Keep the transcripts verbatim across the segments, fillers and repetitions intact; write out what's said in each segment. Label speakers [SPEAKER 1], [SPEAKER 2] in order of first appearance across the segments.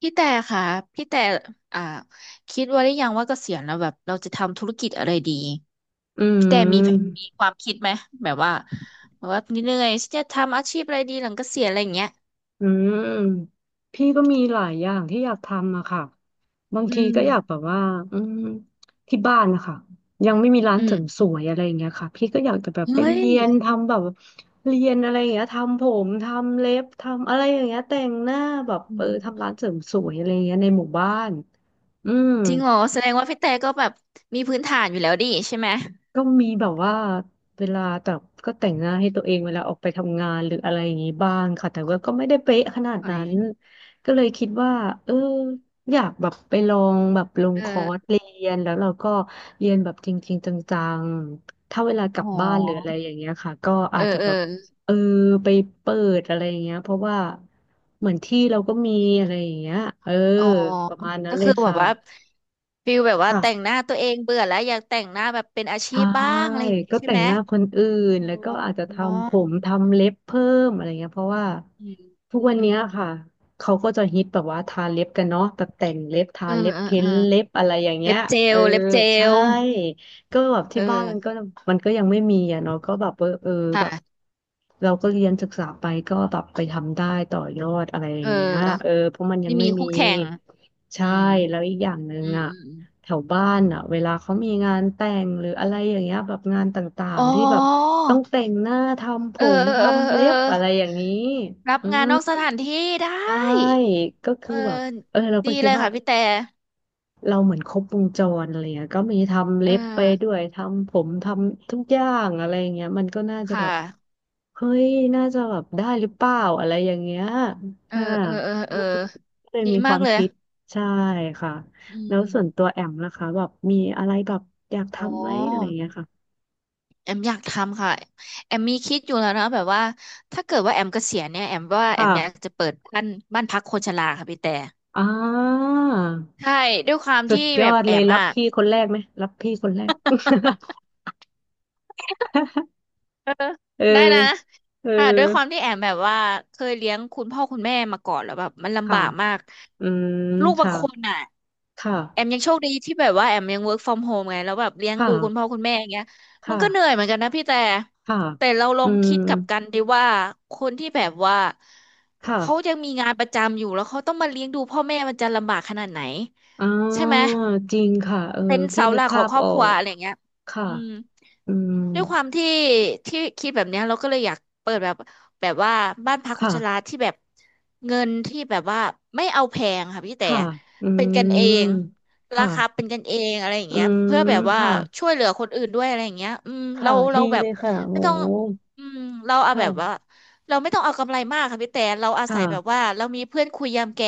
[SPEAKER 1] พี่แต่ค่ะพี่แต่อ่าคิดไว่าได้ยังว่าเกษียณแล้วแบบเราจะทำธุรกิจอะไรดี
[SPEAKER 2] อื
[SPEAKER 1] พี่แต่มีแผน
[SPEAKER 2] ม
[SPEAKER 1] มีความคิดไหมแบบว่าแบบว่าเหนื่อยฉันจะทำอาชีพอะไรดีหลังเกษียณอะไรอย่างเงี้ย
[SPEAKER 2] อืมพี่ก็มีหลายอย่างที่อยากทำอะค่ะบาง
[SPEAKER 1] อื
[SPEAKER 2] ที
[SPEAKER 1] ม
[SPEAKER 2] ก็อยากแบบว่าอืมที่บ้านนะคะยังไม่มีร้าน
[SPEAKER 1] อื
[SPEAKER 2] เสริมส
[SPEAKER 1] ม
[SPEAKER 2] วยอะไรอย่างเงี้ยค่ะพี่ก็อยากจะแบบไป
[SPEAKER 1] เฮ้ย
[SPEAKER 2] เรียนทำแบบเรียนอะไรอย่างเงี้ยทำผมทำเล็บทำอะไรอย่างเงี้ยแต่งหน้าแบบ
[SPEAKER 1] อื
[SPEAKER 2] เออ
[SPEAKER 1] ม
[SPEAKER 2] ทำร้านเสริมสวยอะไรอย่างเงี้ยในหมู่บ้านอืม
[SPEAKER 1] จริงเหรอแสดงว่าพี่แต่ก็แบบมีพื้นฐานอยู่แล้วดิใช่ไหม
[SPEAKER 2] ก็มีแบบว่าเวลาแต่ก็แต่งหน้าให้ตัวเองเวลาออกไปทำงานหรืออะไรอย่างนี้บ้างค่ะแต่ว่าก็ไม่ได้เป๊ะขนาด
[SPEAKER 1] เอ้
[SPEAKER 2] นั้
[SPEAKER 1] ย
[SPEAKER 2] นก็เลยคิดว่าเอออยากแบบไปลองแบบลง
[SPEAKER 1] เอ
[SPEAKER 2] คอ
[SPEAKER 1] อ
[SPEAKER 2] ร์สเรียนแล้วเราก็เรียนแบบจริงๆจังๆถ้าเวลากลั
[SPEAKER 1] อ๋
[SPEAKER 2] บบ้านหรืออะไร
[SPEAKER 1] อ
[SPEAKER 2] อย่างเงี้ยค่ะก็
[SPEAKER 1] เอ
[SPEAKER 2] อา
[SPEAKER 1] อ
[SPEAKER 2] จจะ
[SPEAKER 1] เอ
[SPEAKER 2] แบ
[SPEAKER 1] อ
[SPEAKER 2] บเออไปเปิดอะไรอย่างเงี้ยเพราะว่าเหมือนที่เราก็มีอะไรอย่างเงี้ยเออ
[SPEAKER 1] อ๋อ
[SPEAKER 2] ประมาณนั้
[SPEAKER 1] ก็
[SPEAKER 2] นเล
[SPEAKER 1] คื
[SPEAKER 2] ย
[SPEAKER 1] อแบบ
[SPEAKER 2] ค่ะ
[SPEAKER 1] ว่าฟิลแบบว่า
[SPEAKER 2] ค่ะ
[SPEAKER 1] แต่งหน้าตัวเองเบื่อแล้วอยากแต่งหน้าแบบเป็นอาชี
[SPEAKER 2] ใช่
[SPEAKER 1] พบ้างอะไรอย่างงี้
[SPEAKER 2] ก็
[SPEAKER 1] ใช่
[SPEAKER 2] แต่
[SPEAKER 1] ไห
[SPEAKER 2] ง
[SPEAKER 1] ม
[SPEAKER 2] หน้าคนอื่น
[SPEAKER 1] อ๋อ
[SPEAKER 2] แล้วก็อาจจะทำผมทำเล็บเพิ่มอะไรเงี้ยเพราะว่า
[SPEAKER 1] อ
[SPEAKER 2] ทุก
[SPEAKER 1] ื
[SPEAKER 2] วัน
[SPEAKER 1] ม
[SPEAKER 2] เนี้ยค่ะเขาก็จะฮิตแบบว่าทาเล็บกันเนาะแบบแต่งเล็บทา
[SPEAKER 1] เออ
[SPEAKER 2] เล็บ
[SPEAKER 1] เออ
[SPEAKER 2] เพ้
[SPEAKER 1] เอ
[SPEAKER 2] น
[SPEAKER 1] อ
[SPEAKER 2] เล็บอะไรอย่างเงี้
[SPEAKER 1] เล็
[SPEAKER 2] ย
[SPEAKER 1] บเจ
[SPEAKER 2] เอ
[SPEAKER 1] ล
[SPEAKER 2] อ
[SPEAKER 1] เล็บเจ
[SPEAKER 2] ใช่
[SPEAKER 1] ล
[SPEAKER 2] ก็แบบ
[SPEAKER 1] เอ
[SPEAKER 2] ที่บ้านมันก็
[SPEAKER 1] อ
[SPEAKER 2] มันก็ยังไม่มีอ่ะเนาะก็แบบเออเออแบบ
[SPEAKER 1] ค่ะ
[SPEAKER 2] เราก็เรียนศึกษาไปก็แบบไปทำได้ต่อยอดอะไรอ
[SPEAKER 1] เอ
[SPEAKER 2] ย่างเงี้ยเออ
[SPEAKER 1] อ
[SPEAKER 2] เพราะมันยั
[SPEAKER 1] ไม่
[SPEAKER 2] งไม่
[SPEAKER 1] มี
[SPEAKER 2] มี
[SPEAKER 1] คู่แข่งอื
[SPEAKER 2] ใช่
[SPEAKER 1] ม
[SPEAKER 2] แล้วอีกอย่างหนึ่ง
[SPEAKER 1] อืม
[SPEAKER 2] อ่ะ
[SPEAKER 1] อืม
[SPEAKER 2] แถ
[SPEAKER 1] อ
[SPEAKER 2] วบ้านอ่ะเวลาเขามีงานแต่งหรืออะไรอย่างเงี้ยแบบงานต่า
[SPEAKER 1] ม
[SPEAKER 2] ง
[SPEAKER 1] อ๋
[SPEAKER 2] ๆที่แบบ
[SPEAKER 1] อ
[SPEAKER 2] ต้องแต่งหน้าทำผ
[SPEAKER 1] เออ
[SPEAKER 2] ม
[SPEAKER 1] เออเออ
[SPEAKER 2] ทำ
[SPEAKER 1] เอ
[SPEAKER 2] เล็บอะไรอย่า
[SPEAKER 1] อ
[SPEAKER 2] งนี้
[SPEAKER 1] รับ
[SPEAKER 2] อื
[SPEAKER 1] งาน
[SPEAKER 2] ม
[SPEAKER 1] นอกสถานที่ได้
[SPEAKER 2] ใช่ก็
[SPEAKER 1] เอ
[SPEAKER 2] คือ
[SPEAKER 1] อ
[SPEAKER 2] แบบเออเราก็
[SPEAKER 1] ดี
[SPEAKER 2] คิ
[SPEAKER 1] เล
[SPEAKER 2] ด
[SPEAKER 1] ย
[SPEAKER 2] ว่า
[SPEAKER 1] ค่ะพี่แต่
[SPEAKER 2] เราเหมือนครบวงจรอะไรเงี้ยก็มีทำ
[SPEAKER 1] เอ
[SPEAKER 2] เล็
[SPEAKER 1] อ
[SPEAKER 2] บไปด้วยทำผมทำทุกอย่างอะไรอย่างเงี้ยมันก็น่าจะ
[SPEAKER 1] ค่
[SPEAKER 2] แบบ
[SPEAKER 1] ะ
[SPEAKER 2] เฮ้ยน่าจะแบบได้หรือเปล่าอะไรอย่างเงี้ย
[SPEAKER 1] เออ
[SPEAKER 2] ค่ะ
[SPEAKER 1] เออเออเออ
[SPEAKER 2] ก็เลย
[SPEAKER 1] ดี
[SPEAKER 2] มีค
[SPEAKER 1] มา
[SPEAKER 2] วา
[SPEAKER 1] ก
[SPEAKER 2] ม
[SPEAKER 1] เลย
[SPEAKER 2] คิดใช่ค่ะ
[SPEAKER 1] อื
[SPEAKER 2] แล้ว
[SPEAKER 1] ม
[SPEAKER 2] ส่วนตัวแอมนะคะแบบมีอะไรแบบอยาก
[SPEAKER 1] อ๋อ
[SPEAKER 2] ทำไหมอะไรอย่างเงี้ยค่ะ
[SPEAKER 1] แอมอยากทำค่ะแอมมีคิดอยู่แล้วนะแบบว่าถ้าเกิดว่าแอมเกษียณเนี่ยแอมว่าแอมอยาก
[SPEAKER 2] ค่ะ
[SPEAKER 1] จะเปิดบ้านบ้านพักคนชราค่ะพี่แต่
[SPEAKER 2] อ่า
[SPEAKER 1] ใช่ด้วยความ
[SPEAKER 2] สุ
[SPEAKER 1] ที่
[SPEAKER 2] ดย
[SPEAKER 1] แบ
[SPEAKER 2] อ
[SPEAKER 1] บ
[SPEAKER 2] ด
[SPEAKER 1] แอ
[SPEAKER 2] เลย
[SPEAKER 1] ม
[SPEAKER 2] รับ
[SPEAKER 1] อ่ะ
[SPEAKER 2] พี่คนแรกไหมรับพี่คนแรก
[SPEAKER 1] เออ
[SPEAKER 2] เออ
[SPEAKER 1] ได้นะ
[SPEAKER 2] เออ
[SPEAKER 1] ค่ะด้วยความที่แอมแบบว่าเคยเลี้ยงคุณพ่อคุณแม่มาก่อนแล้วแบบมันลำ
[SPEAKER 2] ค่ะ
[SPEAKER 1] บากมาก
[SPEAKER 2] อืม
[SPEAKER 1] ลูกบาง
[SPEAKER 2] ค่ะ
[SPEAKER 1] คนอ่ะ
[SPEAKER 2] ค่ะ
[SPEAKER 1] แอมยังโชคดีที่แบบว่าแอมยัง เวิร์ค ฟรอม โฮม ไงแล้วแบบเลี้ยง
[SPEAKER 2] ค
[SPEAKER 1] ดูคุณพ่อ
[SPEAKER 2] ่ะ
[SPEAKER 1] คุณแม่อย่างเงี้ยมันก็เหนื่อย
[SPEAKER 2] ค่ะ
[SPEAKER 1] เหมือนกันนะพี่แต่
[SPEAKER 2] ค่ะ
[SPEAKER 1] แต่เราลอ
[SPEAKER 2] อื
[SPEAKER 1] ง
[SPEAKER 2] ม
[SPEAKER 1] คิดกลับกันดีว่าคนที่แบบว่า
[SPEAKER 2] ค่ะ
[SPEAKER 1] เขายังมีงานประจำอยู่แล้วเขาต้องมาเลี้ยงดูพ่อแม่มันจะลำบากขนาดไหน
[SPEAKER 2] อ
[SPEAKER 1] ใช่
[SPEAKER 2] ่า
[SPEAKER 1] ไหม
[SPEAKER 2] จริงค่ะเออ
[SPEAKER 1] เป็น
[SPEAKER 2] พี่
[SPEAKER 1] เสา
[SPEAKER 2] นึ
[SPEAKER 1] ห
[SPEAKER 2] ก
[SPEAKER 1] ลักข
[SPEAKER 2] ภา
[SPEAKER 1] อง
[SPEAKER 2] พ
[SPEAKER 1] ครอ
[SPEAKER 2] อ
[SPEAKER 1] บ
[SPEAKER 2] อ
[SPEAKER 1] ครัว
[SPEAKER 2] ก
[SPEAKER 1] อะไรอย่างเงี้ย
[SPEAKER 2] ค่ะ
[SPEAKER 1] อืม
[SPEAKER 2] อืม
[SPEAKER 1] ด้วยความที่ที่คิดแบบเนี้ยเราก็เลยอยากเปิดแบบแบบว่าบ้านพักคนชรา
[SPEAKER 2] ค่ะ
[SPEAKER 1] ที่แบบเงินที่แบบว่าไม่เอาแพงค่ะพี่แต่
[SPEAKER 2] ค่ะอื
[SPEAKER 1] เป็นกันเอ
[SPEAKER 2] ม
[SPEAKER 1] งรา
[SPEAKER 2] ค่ะ
[SPEAKER 1] คาเป็นกันเองอะไรอย่าง
[SPEAKER 2] อื
[SPEAKER 1] เงี้ยเพื่
[SPEAKER 2] ม
[SPEAKER 1] อแบบว่า
[SPEAKER 2] ค่ะ
[SPEAKER 1] ช่วยเหลือคนอื่นด้วยอะไรอย่างเงี้ยอืม
[SPEAKER 2] ค่ะ
[SPEAKER 1] เราเรา
[SPEAKER 2] ดี
[SPEAKER 1] แบ
[SPEAKER 2] เล
[SPEAKER 1] บ
[SPEAKER 2] ยค่ะโอ้
[SPEAKER 1] ไม่ต้อง
[SPEAKER 2] โห
[SPEAKER 1] อืมเรา
[SPEAKER 2] ค
[SPEAKER 1] เอาแบบว่า
[SPEAKER 2] ่ะ
[SPEAKER 1] เราไม่ต้องเอากำไรมากค่ะพี่แต่เราอา
[SPEAKER 2] ค่ะ
[SPEAKER 1] ศัยแบบว่าเรามีเพื่อนคุยยามแก่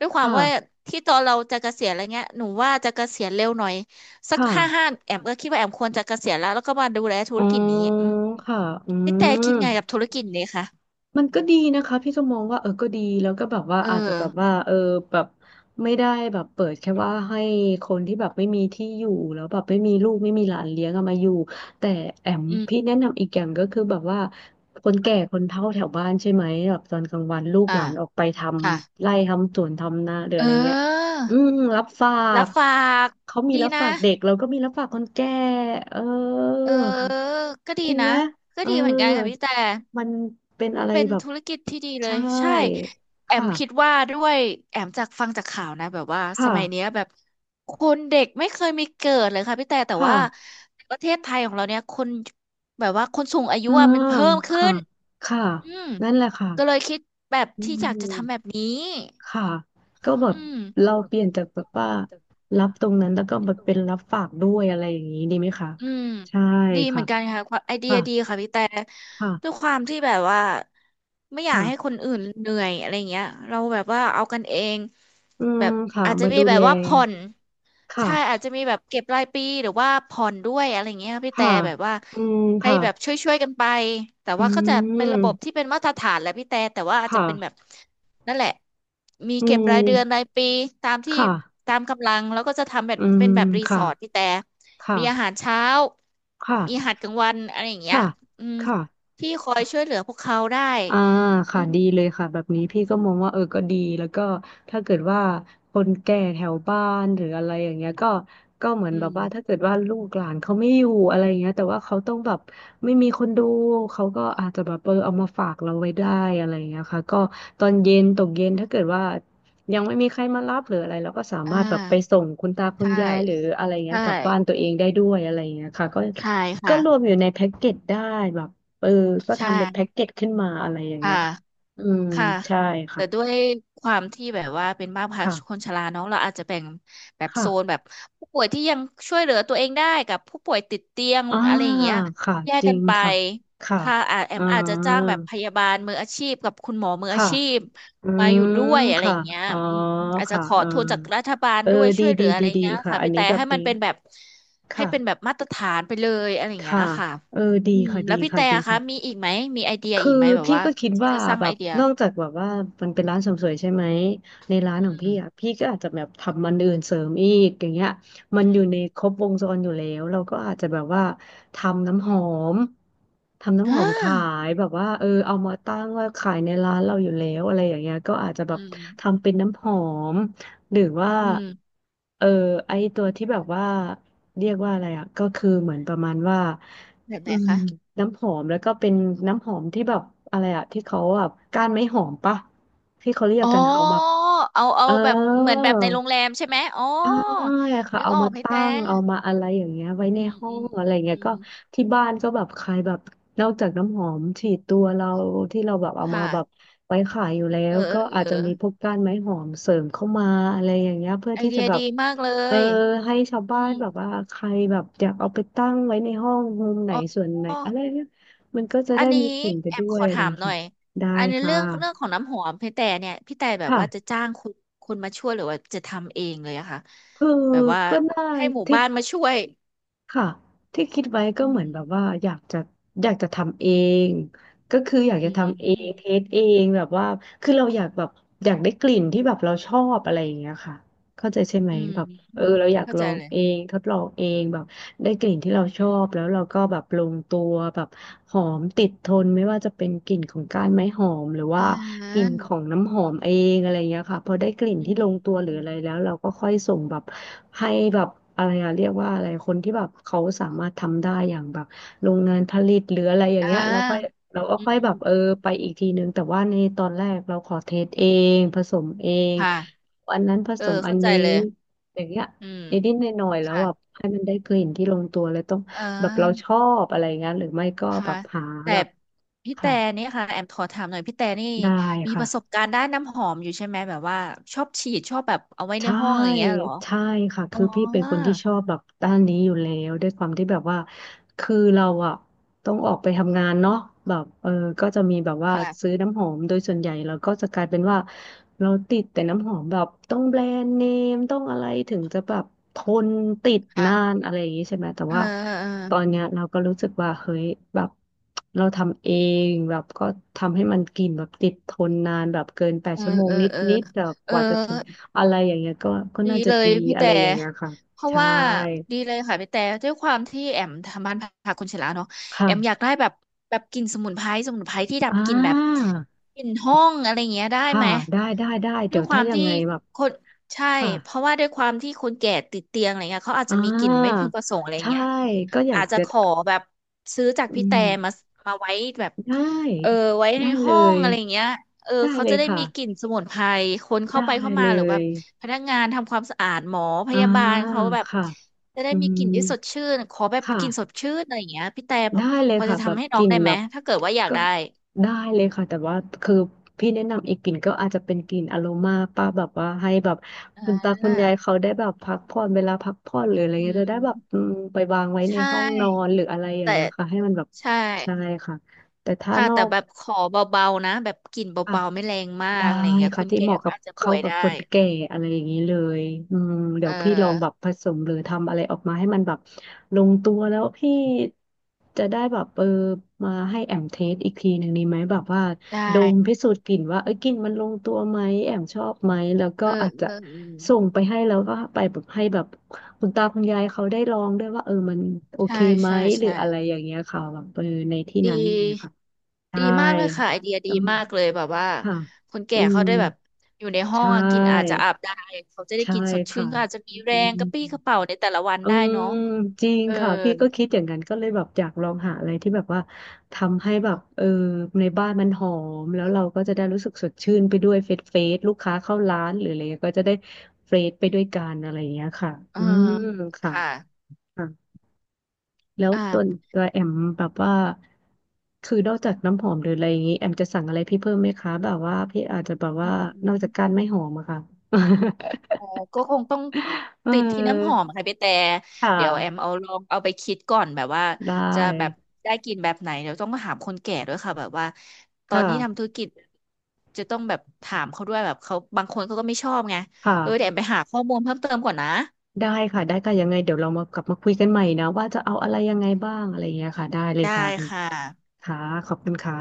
[SPEAKER 1] ด้วยความ
[SPEAKER 2] ค่ะ
[SPEAKER 1] ว่าที่ตอนเราจะเกษียณอะไรเงี้ยหนูว่าจะเกษียณเร็วหน่อยสัก
[SPEAKER 2] ค่ะ
[SPEAKER 1] ห้าห้าแอมก็คิดว่าแอมควรจะเกษียณแล้วแล้วก็มาดูแลธุ
[SPEAKER 2] อ๋
[SPEAKER 1] ร
[SPEAKER 2] อ
[SPEAKER 1] กิจนี้อืม
[SPEAKER 2] ค่ะ อื
[SPEAKER 1] พี่แต่
[SPEAKER 2] ม
[SPEAKER 1] คิดไงกับธุรกิจนี้คะ
[SPEAKER 2] มันก็ดีนะคะพี่ก็มองว่าเออก็ดีแล้วก็แบบว่า
[SPEAKER 1] เออ
[SPEAKER 2] อาจจะแบบว่าเออแบบไม่ได้แบบเปิดแค่ว่าให้คนที่แบบไม่มีที่อยู่แล้วแบบไม่มีลูกไม่มีหลานเลี้ยงเอามาอยู่แต่แอม
[SPEAKER 1] อืม
[SPEAKER 2] พี่แนะนำอีกอย่างก็คือแบบว่าคนแก่คนเฒ่าแถวบ้านใช่ไหมแบบตอนกลางวันลูก
[SPEAKER 1] อ่า
[SPEAKER 2] หลานออกไปท
[SPEAKER 1] ค่ะ
[SPEAKER 2] ำไร่ทำสวนทำนาหรือ
[SPEAKER 1] เ
[SPEAKER 2] อะไรเงี้ย
[SPEAKER 1] ออ
[SPEAKER 2] อืมรับฝา
[SPEAKER 1] รั
[SPEAKER 2] ก
[SPEAKER 1] บฝาก
[SPEAKER 2] เขามี
[SPEAKER 1] ดี
[SPEAKER 2] รับ
[SPEAKER 1] นะ
[SPEAKER 2] ฝากเด็กเราก็มีรับฝากคนแก่เออ
[SPEAKER 1] เออก็ดี
[SPEAKER 2] จริง
[SPEAKER 1] นะ
[SPEAKER 2] ไหม
[SPEAKER 1] ก็
[SPEAKER 2] เอ
[SPEAKER 1] ดีเหมือนกันค่ะ
[SPEAKER 2] อ
[SPEAKER 1] พี่แต่
[SPEAKER 2] มันเป็นอะไร
[SPEAKER 1] เป็น
[SPEAKER 2] แบบ
[SPEAKER 1] ธุรกิจที่ดีเล
[SPEAKER 2] ใช่
[SPEAKER 1] ยใช่แอม
[SPEAKER 2] ค่ะ
[SPEAKER 1] คิดว่าด้วยแอมจากฟังจากข่าวนะแบบว่าส
[SPEAKER 2] ค่ะ
[SPEAKER 1] มัยเนี้ยแบบคนเด็กไม่เคยมีเกิดเลยค่ะพี่แต่แต่
[SPEAKER 2] ค่ะ
[SPEAKER 1] ว่าประเทศไทยของเราเนี่ยคนแบบว่าคนสูงอายุ
[SPEAKER 2] อ่า
[SPEAKER 1] อะมันเพิ่มขึ้
[SPEAKER 2] ค่ะ
[SPEAKER 1] น
[SPEAKER 2] ค่ะ
[SPEAKER 1] อืม
[SPEAKER 2] นั่นแหละค่ะ
[SPEAKER 1] ก็เลยคิดแบบ
[SPEAKER 2] อื
[SPEAKER 1] ที่อยากจะทำแบ
[SPEAKER 2] ม
[SPEAKER 1] บนี้
[SPEAKER 2] ค่ะก็
[SPEAKER 1] ค่ะ
[SPEAKER 2] แบบ
[SPEAKER 1] อืม
[SPEAKER 2] เราเปลี่ยนจากแบบว่ารับตรงนั้นแล้วก็แบบเป็นรับฝากด้วยอะไรอย่างนี้ดีไหมคะ
[SPEAKER 1] อืม
[SPEAKER 2] ใช่
[SPEAKER 1] ดีเหมื
[SPEAKER 2] ค่ะ
[SPEAKER 1] อนกันค่ะความไอเดีย
[SPEAKER 2] ค่ะ
[SPEAKER 1] ดีค่ะพี่แต่ด้วย
[SPEAKER 2] ค่ะ
[SPEAKER 1] ความที่แบบว่าไม่อยากให้ค
[SPEAKER 2] ค่ะ
[SPEAKER 1] นอื่นเหนื่อยอะไรเงี้ยเราแบบว่าเอากันเอง
[SPEAKER 2] อื
[SPEAKER 1] แบ
[SPEAKER 2] ม
[SPEAKER 1] บ
[SPEAKER 2] ค่ะ
[SPEAKER 1] อาจจะ
[SPEAKER 2] มา
[SPEAKER 1] มี
[SPEAKER 2] ดู
[SPEAKER 1] แบ
[SPEAKER 2] แล
[SPEAKER 1] บว่าผ่อน
[SPEAKER 2] ค่ะ
[SPEAKER 1] ใช่อาจจะมีแบบเก็บรายปีหรือว่าผ่อนด้วยอะไรเงี้ยพี่แต่
[SPEAKER 2] ค่ะ
[SPEAKER 1] แบบว่า
[SPEAKER 2] อืม
[SPEAKER 1] ให้
[SPEAKER 2] ค่ะ
[SPEAKER 1] แบบช่วยช่วยกันไปแต่
[SPEAKER 2] อื
[SPEAKER 1] ว่าก็จะเป็นระบบที่
[SPEAKER 2] ม
[SPEAKER 1] เป็นมาตรฐานแหละพี่แต่แต่ว่าอาจจะ
[SPEAKER 2] ค่ะ
[SPEAKER 1] เป็นแบบนั่นแหละมี
[SPEAKER 2] อื
[SPEAKER 1] เก็บ
[SPEAKER 2] ม
[SPEAKER 1] รายเดือนรายปีตามที่
[SPEAKER 2] ค่ะ
[SPEAKER 1] ตามกำลังแล้วก็จะทำแบบ
[SPEAKER 2] อื
[SPEAKER 1] เป็
[SPEAKER 2] ม
[SPEAKER 1] นแบบรีส
[SPEAKER 2] ค่ะ
[SPEAKER 1] อร์ทพี่แต่
[SPEAKER 2] ค่ะ
[SPEAKER 1] มีอาหารเช้า
[SPEAKER 2] ค่ะ
[SPEAKER 1] มีอาหารกลางวันอะไรอย่างเงี้ย
[SPEAKER 2] ค่ะ
[SPEAKER 1] อืม
[SPEAKER 2] ค่ะ
[SPEAKER 1] ที่คอยช่วยเหลือพวกเขาได้
[SPEAKER 2] อ่า
[SPEAKER 1] อื
[SPEAKER 2] ค่ะ
[SPEAKER 1] ม
[SPEAKER 2] ดีเลยค่ะแบบนี้พี่ก็มองว่าเออก็ดีแล้วก็ถ้าเกิดว่าคนแก่แถวบ้านหรืออะไรอย่างเงี้ยก็ก็เหมือน
[SPEAKER 1] อื
[SPEAKER 2] แบบ
[SPEAKER 1] ม
[SPEAKER 2] ว่าถ้าเกิดว่าลูกหลานเขาไม่อยู่อะไรอย่างเงี้ยแต่ว่าเขาต้องแบบไม่มีคนดูเขาก็อาจจะแบบเออเอามาฝากเราไว้ได้อะไรอย่างเงี้ยค่ะก็ตอนเย็นตกเย็นถ้าเกิดว่ายังไม่มีใครมารับหรืออะไรเราก็สามา
[SPEAKER 1] อ่า
[SPEAKER 2] รถแบบไปส่งคุณตาคุณ
[SPEAKER 1] ใช่
[SPEAKER 2] ยายหรืออะไรเงี้ย
[SPEAKER 1] ใช่
[SPEAKER 2] กลับบ้านตัวเองได้ด้วยอะไรเงี้ยค่ะก็
[SPEAKER 1] ใช่
[SPEAKER 2] ก็
[SPEAKER 1] ค่ะ
[SPEAKER 2] รวมอยู่ในแพ็กเกจได้แบบ เออก็
[SPEAKER 1] ใช่
[SPEAKER 2] ทำเป็นแพ็กเกจขึ้นมาอะไรอย่าง
[SPEAKER 1] ค่ะ
[SPEAKER 2] เงี้ยค่ะอืม
[SPEAKER 1] ค่ะ
[SPEAKER 2] ใช่
[SPEAKER 1] แต่
[SPEAKER 2] ค่ะ
[SPEAKER 1] ด้วยความที่แบบว่าเป็นบ้านพัก
[SPEAKER 2] ค่ะ
[SPEAKER 1] คนชราเนอะเราอาจจะแบ่งแบบโซน
[SPEAKER 2] ค่ะ
[SPEAKER 1] แบบผู้ป่วยที่ยังช่วยเหลือตัวเองได้กับผู้ป่วยติดเตียง
[SPEAKER 2] อ่า
[SPEAKER 1] อะไรอย่างเงี้ย
[SPEAKER 2] ค่ะ
[SPEAKER 1] แยก
[SPEAKER 2] จริ
[SPEAKER 1] กัน
[SPEAKER 2] ง
[SPEAKER 1] ไป
[SPEAKER 2] ค่ะค่ะ
[SPEAKER 1] ค่ะอาจแอ
[SPEAKER 2] อ่า
[SPEAKER 1] มอาจจะจ้างแบบพยาบาลมืออาชีพกับคุณหมอมืออา
[SPEAKER 2] ค่ะ
[SPEAKER 1] ชีพ
[SPEAKER 2] อื
[SPEAKER 1] มาอยู่
[SPEAKER 2] ม
[SPEAKER 1] ด้วยอะไรอ
[SPEAKER 2] ค่ะ
[SPEAKER 1] ย่างเงี้ย
[SPEAKER 2] อ๋อ
[SPEAKER 1] อืมอาจจะ
[SPEAKER 2] ค่ะ
[SPEAKER 1] ขอ
[SPEAKER 2] เออ
[SPEAKER 1] ทุนจากรัฐบาล
[SPEAKER 2] เออ
[SPEAKER 1] ด้วย
[SPEAKER 2] ดี
[SPEAKER 1] ช่วยเหลื
[SPEAKER 2] ดี
[SPEAKER 1] ออะ
[SPEAKER 2] ดี
[SPEAKER 1] ไร
[SPEAKER 2] ดี
[SPEAKER 1] เงี้ย
[SPEAKER 2] ค่ะ
[SPEAKER 1] ค่ะ
[SPEAKER 2] อัน
[SPEAKER 1] พี่
[SPEAKER 2] นี้
[SPEAKER 1] แต่
[SPEAKER 2] แบบ
[SPEAKER 1] ให้มั
[SPEAKER 2] ดี
[SPEAKER 1] นเป็นแบบให้
[SPEAKER 2] ค่ะ
[SPEAKER 1] เป็นแบบมาตรฐานไปเลยอะไรอย่างเงี้
[SPEAKER 2] ค่ะ
[SPEAKER 1] ยค่ะ
[SPEAKER 2] เออดี
[SPEAKER 1] อืม
[SPEAKER 2] ค่ะ
[SPEAKER 1] แล้
[SPEAKER 2] ดี
[SPEAKER 1] วพี่
[SPEAKER 2] ค่ะ
[SPEAKER 1] แต่
[SPEAKER 2] ดี
[SPEAKER 1] คะมี
[SPEAKER 2] ค่ะ
[SPEAKER 1] อีกไหมมีไอเดีย
[SPEAKER 2] คือ
[SPEAKER 1] อีกไหมแบบ
[SPEAKER 2] พี่
[SPEAKER 1] ว่า
[SPEAKER 2] ก็คิด
[SPEAKER 1] ที่
[SPEAKER 2] ว่า
[SPEAKER 1] จะสร้าง
[SPEAKER 2] แบ
[SPEAKER 1] ไอ
[SPEAKER 2] บ
[SPEAKER 1] เดีย
[SPEAKER 2] นอกจากแบบว่ามันเป็นร้านเสริมสวยใช่ไหมในร้าน
[SPEAKER 1] อื
[SPEAKER 2] ของ
[SPEAKER 1] ม
[SPEAKER 2] พี่อ่ะพี่ก็อาจจะแบบทำมันอื่นเสริมอีกอย่างเงี้ยมัน
[SPEAKER 1] อื
[SPEAKER 2] อยู่ใน
[SPEAKER 1] ม
[SPEAKER 2] ครบวงจรอยู่แล้วเราก็อาจจะแบบว่าทำน้ำหอมทำ
[SPEAKER 1] อ่
[SPEAKER 2] น้ำหอมขา
[SPEAKER 1] า
[SPEAKER 2] ยแบบว่าเออเอามาตั้งว่าขายในร้านเราอยู่แล้วอะไรอย่างเงี้ยก็อาจจะแบบ
[SPEAKER 1] อืม
[SPEAKER 2] ทำเป็นน้ำหอมหรือว่า
[SPEAKER 1] อืม
[SPEAKER 2] เออไอตัวที่แบบว่าเรียกว่าอะไรอ่ะก็คือเหมือนประมาณว่า
[SPEAKER 1] แบบไห
[SPEAKER 2] อื
[SPEAKER 1] น
[SPEAKER 2] ม
[SPEAKER 1] คะ
[SPEAKER 2] น้ำหอมแล้วก็เป็นน้ำหอมที่แบบอะไรอะที่เขาแบบก้านไม้หอมปะที่เขาเรียก
[SPEAKER 1] อ๋
[SPEAKER 2] กันอะเอามา
[SPEAKER 1] อเอาเอา
[SPEAKER 2] เออ
[SPEAKER 1] แบบเหมือนแบบในโรงแรมใช่ไหมอ๋อ
[SPEAKER 2] ใช่ค่ะ
[SPEAKER 1] นึก
[SPEAKER 2] เอา
[SPEAKER 1] ออก
[SPEAKER 2] มา
[SPEAKER 1] ไหม
[SPEAKER 2] ตั้
[SPEAKER 1] แต่
[SPEAKER 2] งเอามาอะไรอย่างเงี้ยไว้ใน
[SPEAKER 1] อืม
[SPEAKER 2] ห้อ
[SPEAKER 1] อื
[SPEAKER 2] ง
[SPEAKER 1] มอื
[SPEAKER 2] อะไร
[SPEAKER 1] ม
[SPEAKER 2] เงี้
[SPEAKER 1] อื
[SPEAKER 2] ยก็
[SPEAKER 1] ม
[SPEAKER 2] ที่บ้านก็แบบใครแบบนอกจากน้ำหอมฉีดตัวเราที่เราแบบเอามา
[SPEAKER 1] ค่ะ
[SPEAKER 2] แบบไว้ขายอยู่แล้
[SPEAKER 1] เอ
[SPEAKER 2] ว
[SPEAKER 1] อเออ
[SPEAKER 2] ก็อาจ
[SPEAKER 1] เออ
[SPEAKER 2] จะมีพวกก้านไม้หอมเสริมเข้ามาอะไรอย่างเงี้ยเพื่อ
[SPEAKER 1] ไอ
[SPEAKER 2] ที่
[SPEAKER 1] เดี
[SPEAKER 2] จะ
[SPEAKER 1] ย
[SPEAKER 2] แบ
[SPEAKER 1] ดี
[SPEAKER 2] บ
[SPEAKER 1] มากเล
[SPEAKER 2] เออ
[SPEAKER 1] ย
[SPEAKER 2] ให้ชาว
[SPEAKER 1] อื
[SPEAKER 2] บ้าน
[SPEAKER 1] ม
[SPEAKER 2] แบบว่าใครแบบอยากเอาไปตั้งไว้ในห้องมุมไหน
[SPEAKER 1] อ๋อ
[SPEAKER 2] ส่วนไหนอะไรเงี้ยมันก็จะ
[SPEAKER 1] อั
[SPEAKER 2] ได้
[SPEAKER 1] นนี้
[SPEAKER 2] มีกลิ่นไป
[SPEAKER 1] แอ
[SPEAKER 2] ด้
[SPEAKER 1] ม
[SPEAKER 2] ว
[SPEAKER 1] ข
[SPEAKER 2] ย
[SPEAKER 1] อ
[SPEAKER 2] อะไร
[SPEAKER 1] ถามหน่อ
[SPEAKER 2] ค่ะ
[SPEAKER 1] ย
[SPEAKER 2] ได้
[SPEAKER 1] อันนี้
[SPEAKER 2] ค่ะ
[SPEAKER 1] เรื่องเรื่องของน้ำหอมพี่แต่เนี่ยพี่แต่แบบว่าจะ
[SPEAKER 2] ค่ะ
[SPEAKER 1] จ้างคุณคุณมาช่วยหรือว่าจะทำเองเลยอะคะ
[SPEAKER 2] คือ
[SPEAKER 1] แบบว่า
[SPEAKER 2] ก็น่า
[SPEAKER 1] ให้หมู่
[SPEAKER 2] ที่
[SPEAKER 1] บ้านมาช่วย
[SPEAKER 2] ค่ะที่คิดไว้ก็
[SPEAKER 1] อื
[SPEAKER 2] เหมือ
[SPEAKER 1] ม
[SPEAKER 2] นแบบว่าอยากจะอยากจะทำเองก็คืออยาก
[SPEAKER 1] อื
[SPEAKER 2] จะทำเอง
[SPEAKER 1] ม
[SPEAKER 2] เทสเองแบบว่าคือเราอยากแบบอยากได้กลิ่นที่แบบเราชอบอะไรอย่างเงี้ยค่ะเข้าใจใช่ไหม
[SPEAKER 1] อืม
[SPEAKER 2] แบบ
[SPEAKER 1] อื
[SPEAKER 2] เออ
[SPEAKER 1] ม
[SPEAKER 2] เราอยาก
[SPEAKER 1] เข้า
[SPEAKER 2] ล
[SPEAKER 1] ใจ
[SPEAKER 2] อง
[SPEAKER 1] เลย
[SPEAKER 2] เองทดลองเองแบบได้กลิ่นที่เราชอบแล้วเราก็แบบลงตัวแบบ หอมติดทนไม่ว่าจะเป็นกลิ่นของก้านไม้หอมหรือ
[SPEAKER 1] อ่
[SPEAKER 2] ว่ากลิ่น
[SPEAKER 1] า
[SPEAKER 2] ของน้ำหอมเองอะไรเงี้ยค่ะพอได้กลิ่น
[SPEAKER 1] อื
[SPEAKER 2] ที่
[SPEAKER 1] ม
[SPEAKER 2] ลงตัว
[SPEAKER 1] อื
[SPEAKER 2] หรืออะ
[SPEAKER 1] ม
[SPEAKER 2] ไรแล้วเราก็ค่อยส่งแบบให้แบบอะไรอะเรียกว่าอะไรคนที่แบบเขาสามารถทำได้อย่างแบบโรงงานผลิตหรืออะไรอย่าง
[SPEAKER 1] อ่
[SPEAKER 2] เงี้ยเราค่อย
[SPEAKER 1] า
[SPEAKER 2] เราก็
[SPEAKER 1] อื
[SPEAKER 2] ค่
[SPEAKER 1] ม
[SPEAKER 2] อย
[SPEAKER 1] อื
[SPEAKER 2] แบ
[SPEAKER 1] ม
[SPEAKER 2] บเอ
[SPEAKER 1] อื
[SPEAKER 2] อ
[SPEAKER 1] ม
[SPEAKER 2] ไปอีกทีนึงแต่ว่าในตอนแรกเราขอเทสเองผสมเอง
[SPEAKER 1] ค่ะ
[SPEAKER 2] อันนั้นผ
[SPEAKER 1] เออ
[SPEAKER 2] สมอั
[SPEAKER 1] เข้า
[SPEAKER 2] น
[SPEAKER 1] ใจ
[SPEAKER 2] นี้
[SPEAKER 1] เลย
[SPEAKER 2] อย่างเงี้ย
[SPEAKER 1] อืม
[SPEAKER 2] นิดๆหน่อยๆแล้ว
[SPEAKER 1] ค่ะ
[SPEAKER 2] แบบให้มันได้กลิ่นที่ลงตัวเลยต้อง
[SPEAKER 1] เอ
[SPEAKER 2] แบบเราช
[SPEAKER 1] อ
[SPEAKER 2] อบอะไรเงี้ยหรือไม่ก็แบ
[SPEAKER 1] ค่ะ
[SPEAKER 2] บหา
[SPEAKER 1] แต่
[SPEAKER 2] แบบ
[SPEAKER 1] พี่แต่
[SPEAKER 2] ค่ะ
[SPEAKER 1] นี่ค่ะแอมขอถามหน่อยพี่แต่นี่
[SPEAKER 2] ได้
[SPEAKER 1] มีป
[SPEAKER 2] ค่ะ
[SPEAKER 1] ระสบการณ์ด้านน้ำหอมอยู่ใช่ไหมแบบว่าชอบฉีดชอบแบบเอาไว้ใน
[SPEAKER 2] ใช่
[SPEAKER 1] ห้องอย่างเงี้ยเหรอ
[SPEAKER 2] ใช่ค่ะคือพี่เป็นคนที่ชอบแบบด้านนี้อยู่แล้วด้วยความที่แบบว่าคือเราอะต้องออกไปทำงานเนาะแบบเออก็จะมีแบบว่าซื้
[SPEAKER 1] ค่ะ
[SPEAKER 2] อน้ำหอมโดยส่วนใหญ่เราก็จะกลายเป็นว่าเราติดแต่น้ำหอมแบบต้องแบรนด์เนมต้องอะไรถึงจะแบบทนติดนา
[SPEAKER 1] ค่ะ
[SPEAKER 2] นอะไรอย่างนี้ใช่ไหมแต่
[SPEAKER 1] เออ
[SPEAKER 2] ว่า
[SPEAKER 1] เอ
[SPEAKER 2] ตอน
[SPEAKER 1] อ
[SPEAKER 2] เนี้ยเราก็รู้สึกว่าเฮ้ยแบบเราทำเองแบบก็ทำให้มันกลิ่นแบบติดทนนานแบบเกินแปด
[SPEAKER 1] เออ
[SPEAKER 2] ชั่วโมง
[SPEAKER 1] เออ
[SPEAKER 2] น
[SPEAKER 1] เออ
[SPEAKER 2] ิดๆแต่ก
[SPEAKER 1] เออ
[SPEAKER 2] ว่าจะถึง อะไรอย่างเงี้ยก็ก็
[SPEAKER 1] ดี
[SPEAKER 2] น่าจะ
[SPEAKER 1] เลย
[SPEAKER 2] ดี
[SPEAKER 1] พี่
[SPEAKER 2] อะไร
[SPEAKER 1] แต่
[SPEAKER 2] อย่างเงี้ยค่ะ
[SPEAKER 1] เพราะ
[SPEAKER 2] ใช่
[SPEAKER 1] ว่าดีเลยค่ะพี่แต่ด้วยความที่แอมทำบ้านพักคนชราเนาะแอมอยาก
[SPEAKER 2] ค่ะ
[SPEAKER 1] ได้แบบแบบกลิ่นสมุนไพรสมุนไพรที่ดับ
[SPEAKER 2] อ่
[SPEAKER 1] กลิ่นแบบ
[SPEAKER 2] า
[SPEAKER 1] กลิ่นห้องอะไรเงี้ยได้
[SPEAKER 2] ค่ะ
[SPEAKER 1] ไหม
[SPEAKER 2] ได้ได้ได้
[SPEAKER 1] ด้
[SPEAKER 2] เดี๋
[SPEAKER 1] ว
[SPEAKER 2] ย
[SPEAKER 1] ย
[SPEAKER 2] ว
[SPEAKER 1] ค
[SPEAKER 2] ถ้า
[SPEAKER 1] วาม
[SPEAKER 2] ยัง
[SPEAKER 1] ที่
[SPEAKER 2] ไงแบบ
[SPEAKER 1] คนใช่
[SPEAKER 2] ค่ะ
[SPEAKER 1] เพราะว่าด้วยความที่คนแก่ติดเตียงอะไรเงี้ยเขาอาจ
[SPEAKER 2] อ่
[SPEAKER 1] จะมีกลิ่นไม่
[SPEAKER 2] า
[SPEAKER 1] พึงประสงค์อะไร
[SPEAKER 2] ใช่
[SPEAKER 1] เงี้ย
[SPEAKER 2] ก็อยาก
[SPEAKER 1] อาจจะ
[SPEAKER 2] จะ
[SPEAKER 1] ขอแบบซื้อจาก
[SPEAKER 2] อื
[SPEAKER 1] พี่แต่
[SPEAKER 2] ม
[SPEAKER 1] มามาไว้แบบ
[SPEAKER 2] ได
[SPEAKER 1] เออ
[SPEAKER 2] ้
[SPEAKER 1] ไว้ใน
[SPEAKER 2] ได้เล
[SPEAKER 1] ห้อง
[SPEAKER 2] ย
[SPEAKER 1] อะไรเงี้ยเออ
[SPEAKER 2] ได้
[SPEAKER 1] เขา
[SPEAKER 2] เล
[SPEAKER 1] จะ
[SPEAKER 2] ย
[SPEAKER 1] ได้
[SPEAKER 2] ค่ะ
[SPEAKER 1] มีกลิ่นสมุนไพรคนเข้า
[SPEAKER 2] ได้
[SPEAKER 1] ไปเข้ามา
[SPEAKER 2] เล
[SPEAKER 1] หรือแบบ
[SPEAKER 2] ย
[SPEAKER 1] พนักงานทำความสะอาดหมอพ
[SPEAKER 2] อ่า
[SPEAKER 1] ยาบาลเขาแบบ
[SPEAKER 2] ค่ะ
[SPEAKER 1] จะได้
[SPEAKER 2] อื
[SPEAKER 1] มีก
[SPEAKER 2] ม
[SPEAKER 1] ลิ่นที่สดชื่นขอแบบ
[SPEAKER 2] ค่ะ
[SPEAKER 1] กลิ่นสดชื่นอะไรอย่างเงี้ยพี่แต่พอ
[SPEAKER 2] ได้เล
[SPEAKER 1] พ
[SPEAKER 2] ย
[SPEAKER 1] อจะ
[SPEAKER 2] ค่ะแบ
[SPEAKER 1] ทำ
[SPEAKER 2] บ
[SPEAKER 1] ให้
[SPEAKER 2] ก
[SPEAKER 1] น้อง
[SPEAKER 2] ลิ่น
[SPEAKER 1] ได้ไห
[SPEAKER 2] แบ
[SPEAKER 1] ม
[SPEAKER 2] บ
[SPEAKER 1] ถ้าเกิดว่าอยาก
[SPEAKER 2] ก็
[SPEAKER 1] ได้
[SPEAKER 2] ได้เลยค่ะแต่ว่าคือพี่แนะนำอีกกลิ่นก็อาจจะเป็นกลิ่นอโรมาป้าแบบว่าให้แบบคุณ
[SPEAKER 1] อ่า
[SPEAKER 2] ตาคุณยายเขาได้แบบพักผ่อนเวลาพักผ่อนหรืออะไร
[SPEAKER 1] อื
[SPEAKER 2] เงี้ยจะ
[SPEAKER 1] ม
[SPEAKER 2] ได้แบบอืมไปวางไว้
[SPEAKER 1] ใช
[SPEAKER 2] ในห้องนอน
[SPEAKER 1] ่
[SPEAKER 2] หรืออะไรอย่าง
[SPEAKER 1] แต่
[SPEAKER 2] เงี้ยค่ะให้มันแบบ
[SPEAKER 1] ใช่
[SPEAKER 2] ใช่ค่ะแต่ถ้า
[SPEAKER 1] ค่ะ
[SPEAKER 2] นอ
[SPEAKER 1] แต่
[SPEAKER 2] ก
[SPEAKER 1] แบบขอเบาๆนะแบบกลิ่นเบาๆไม่แรงมา
[SPEAKER 2] ได้
[SPEAKER 1] กอะไรเงี้ย
[SPEAKER 2] ค่ะ
[SPEAKER 1] คน
[SPEAKER 2] ที่
[SPEAKER 1] แก่
[SPEAKER 2] เหมาะ
[SPEAKER 1] ก็
[SPEAKER 2] กับ
[SPEAKER 1] อาจจะป่
[SPEAKER 2] เข้า
[SPEAKER 1] วย
[SPEAKER 2] กับ
[SPEAKER 1] ได้
[SPEAKER 2] คนแก่อะไรอย่างนี้เลยอืมเดี๋
[SPEAKER 1] เอ
[SPEAKER 2] ย
[SPEAKER 1] อ
[SPEAKER 2] วพี่ลองแบบผสมหรือทำอะไรออกมาให้มันแบบลงตัวแล้วพี่จะได้แบบเออมาให้แอมเทสอีกทีหนึ่งนี้ไหมแบบว่า
[SPEAKER 1] ได
[SPEAKER 2] ดม
[SPEAKER 1] ้
[SPEAKER 2] พิสูจน์กลิ่นว่าเออกลิ่นมันลงตัวไหมแอมชอบไหมแล้วก็
[SPEAKER 1] เออ
[SPEAKER 2] อาจจะ
[SPEAKER 1] เออเออ
[SPEAKER 2] ส่งไปให้แล้วก็ไปแบบให้แบบคุณตาคุณยายเขาได้ลองด้วยว่าเออมันโอเค
[SPEAKER 1] ใช่
[SPEAKER 2] ไหม
[SPEAKER 1] ใช่
[SPEAKER 2] หรือ
[SPEAKER 1] ใช่
[SPEAKER 2] อะไรอย่างเงี้ยค่ะแบบเออในที่
[SPEAKER 1] ด
[SPEAKER 2] นั้นอย่างเงี้ยค่ะ
[SPEAKER 1] ี
[SPEAKER 2] ใช่
[SPEAKER 1] ดีมากเลยค่ะไอเดียดี
[SPEAKER 2] อืม
[SPEAKER 1] มากเลยแบบว่า
[SPEAKER 2] ค่ะ
[SPEAKER 1] คน
[SPEAKER 2] อื
[SPEAKER 1] แก่
[SPEAKER 2] ม
[SPEAKER 1] เขาได้แบบอยู่ในห้อง
[SPEAKER 2] ใช่
[SPEAKER 1] อะกินอาจจะอาบได้เขาจะได้
[SPEAKER 2] ใช่
[SPEAKER 1] กินสดชื่น
[SPEAKER 2] ค่ะ
[SPEAKER 1] เขาอาจจะมีแร
[SPEAKER 2] อื
[SPEAKER 1] ง
[SPEAKER 2] ม
[SPEAKER 1] กระปรี้กระเปร่าในแต่ละวัน
[SPEAKER 2] อื
[SPEAKER 1] ได้
[SPEAKER 2] ม
[SPEAKER 1] เนาะ
[SPEAKER 2] จริง
[SPEAKER 1] เออ
[SPEAKER 2] ค่ะพี่ก็คิดอย่างนั้นก็เลยแบบอยากลองหาอะไรที่แบบว่าทำให้แบบเออในบ้านมันหอมแล้วเราก็จะได้รู้สึกสดชื่นไปด้วยเฟสเฟสลูกค้าเข้าร้านหรืออะไรเงี้ยก็จะได้เฟสไปด้วยกันอะไรอย่างเงี้ยค่ะ
[SPEAKER 1] เออ
[SPEAKER 2] อืมค่ะ
[SPEAKER 1] ค่ะ
[SPEAKER 2] ค่ะแล้ว
[SPEAKER 1] อ่า
[SPEAKER 2] ตัวตัวแอมแบบว่าคือนอกจากน้ำหอมหรืออะไรอย่างงี้แอมจะสั่งอะไรพี่เพิ่มไหมคะแบบว่าพี่อาจจะแบบว่า
[SPEAKER 1] อื
[SPEAKER 2] นอกจากการ
[SPEAKER 1] ม
[SPEAKER 2] ไม่หอมอะค่ะ
[SPEAKER 1] อ๋อ ก็คงต้อง
[SPEAKER 2] เอ
[SPEAKER 1] ติดที่น้ำหอ
[SPEAKER 2] อ
[SPEAKER 1] มค่ะพี่แต่
[SPEAKER 2] ค่ะ
[SPEAKER 1] เดี๋ยวแอมเอาลองเอาไปคิดก่อนแบบว่า
[SPEAKER 2] ได้
[SPEAKER 1] จะแบบได้กลินแบบไหนเดี๋ยวต้องมาถามคนแก่ด้วยค่ะแบบว่าตอน
[SPEAKER 2] ค่ะ
[SPEAKER 1] ที่ทำธุรกิจจะต้องแบบถามเขาด้วยแบบเขาบางคนเขาก็ไม่ชอบไง
[SPEAKER 2] ค่ะ
[SPEAKER 1] เออเดี๋ยวแอมไปหาข้อมูลเพิ่มเติมก่อนนะ
[SPEAKER 2] ได้ค่ะได้ค่ะยังไงเดี๋ยวเรามากลับมาคุยกันใหม่นะว่าจะเอาอะไรยังไงบ้างอะไรอย่างเงี้ยค่ะได้เลย
[SPEAKER 1] ได้
[SPEAKER 2] ค่ะคุณ
[SPEAKER 1] ค่ะ
[SPEAKER 2] ค่ะขอบคุณค่ะ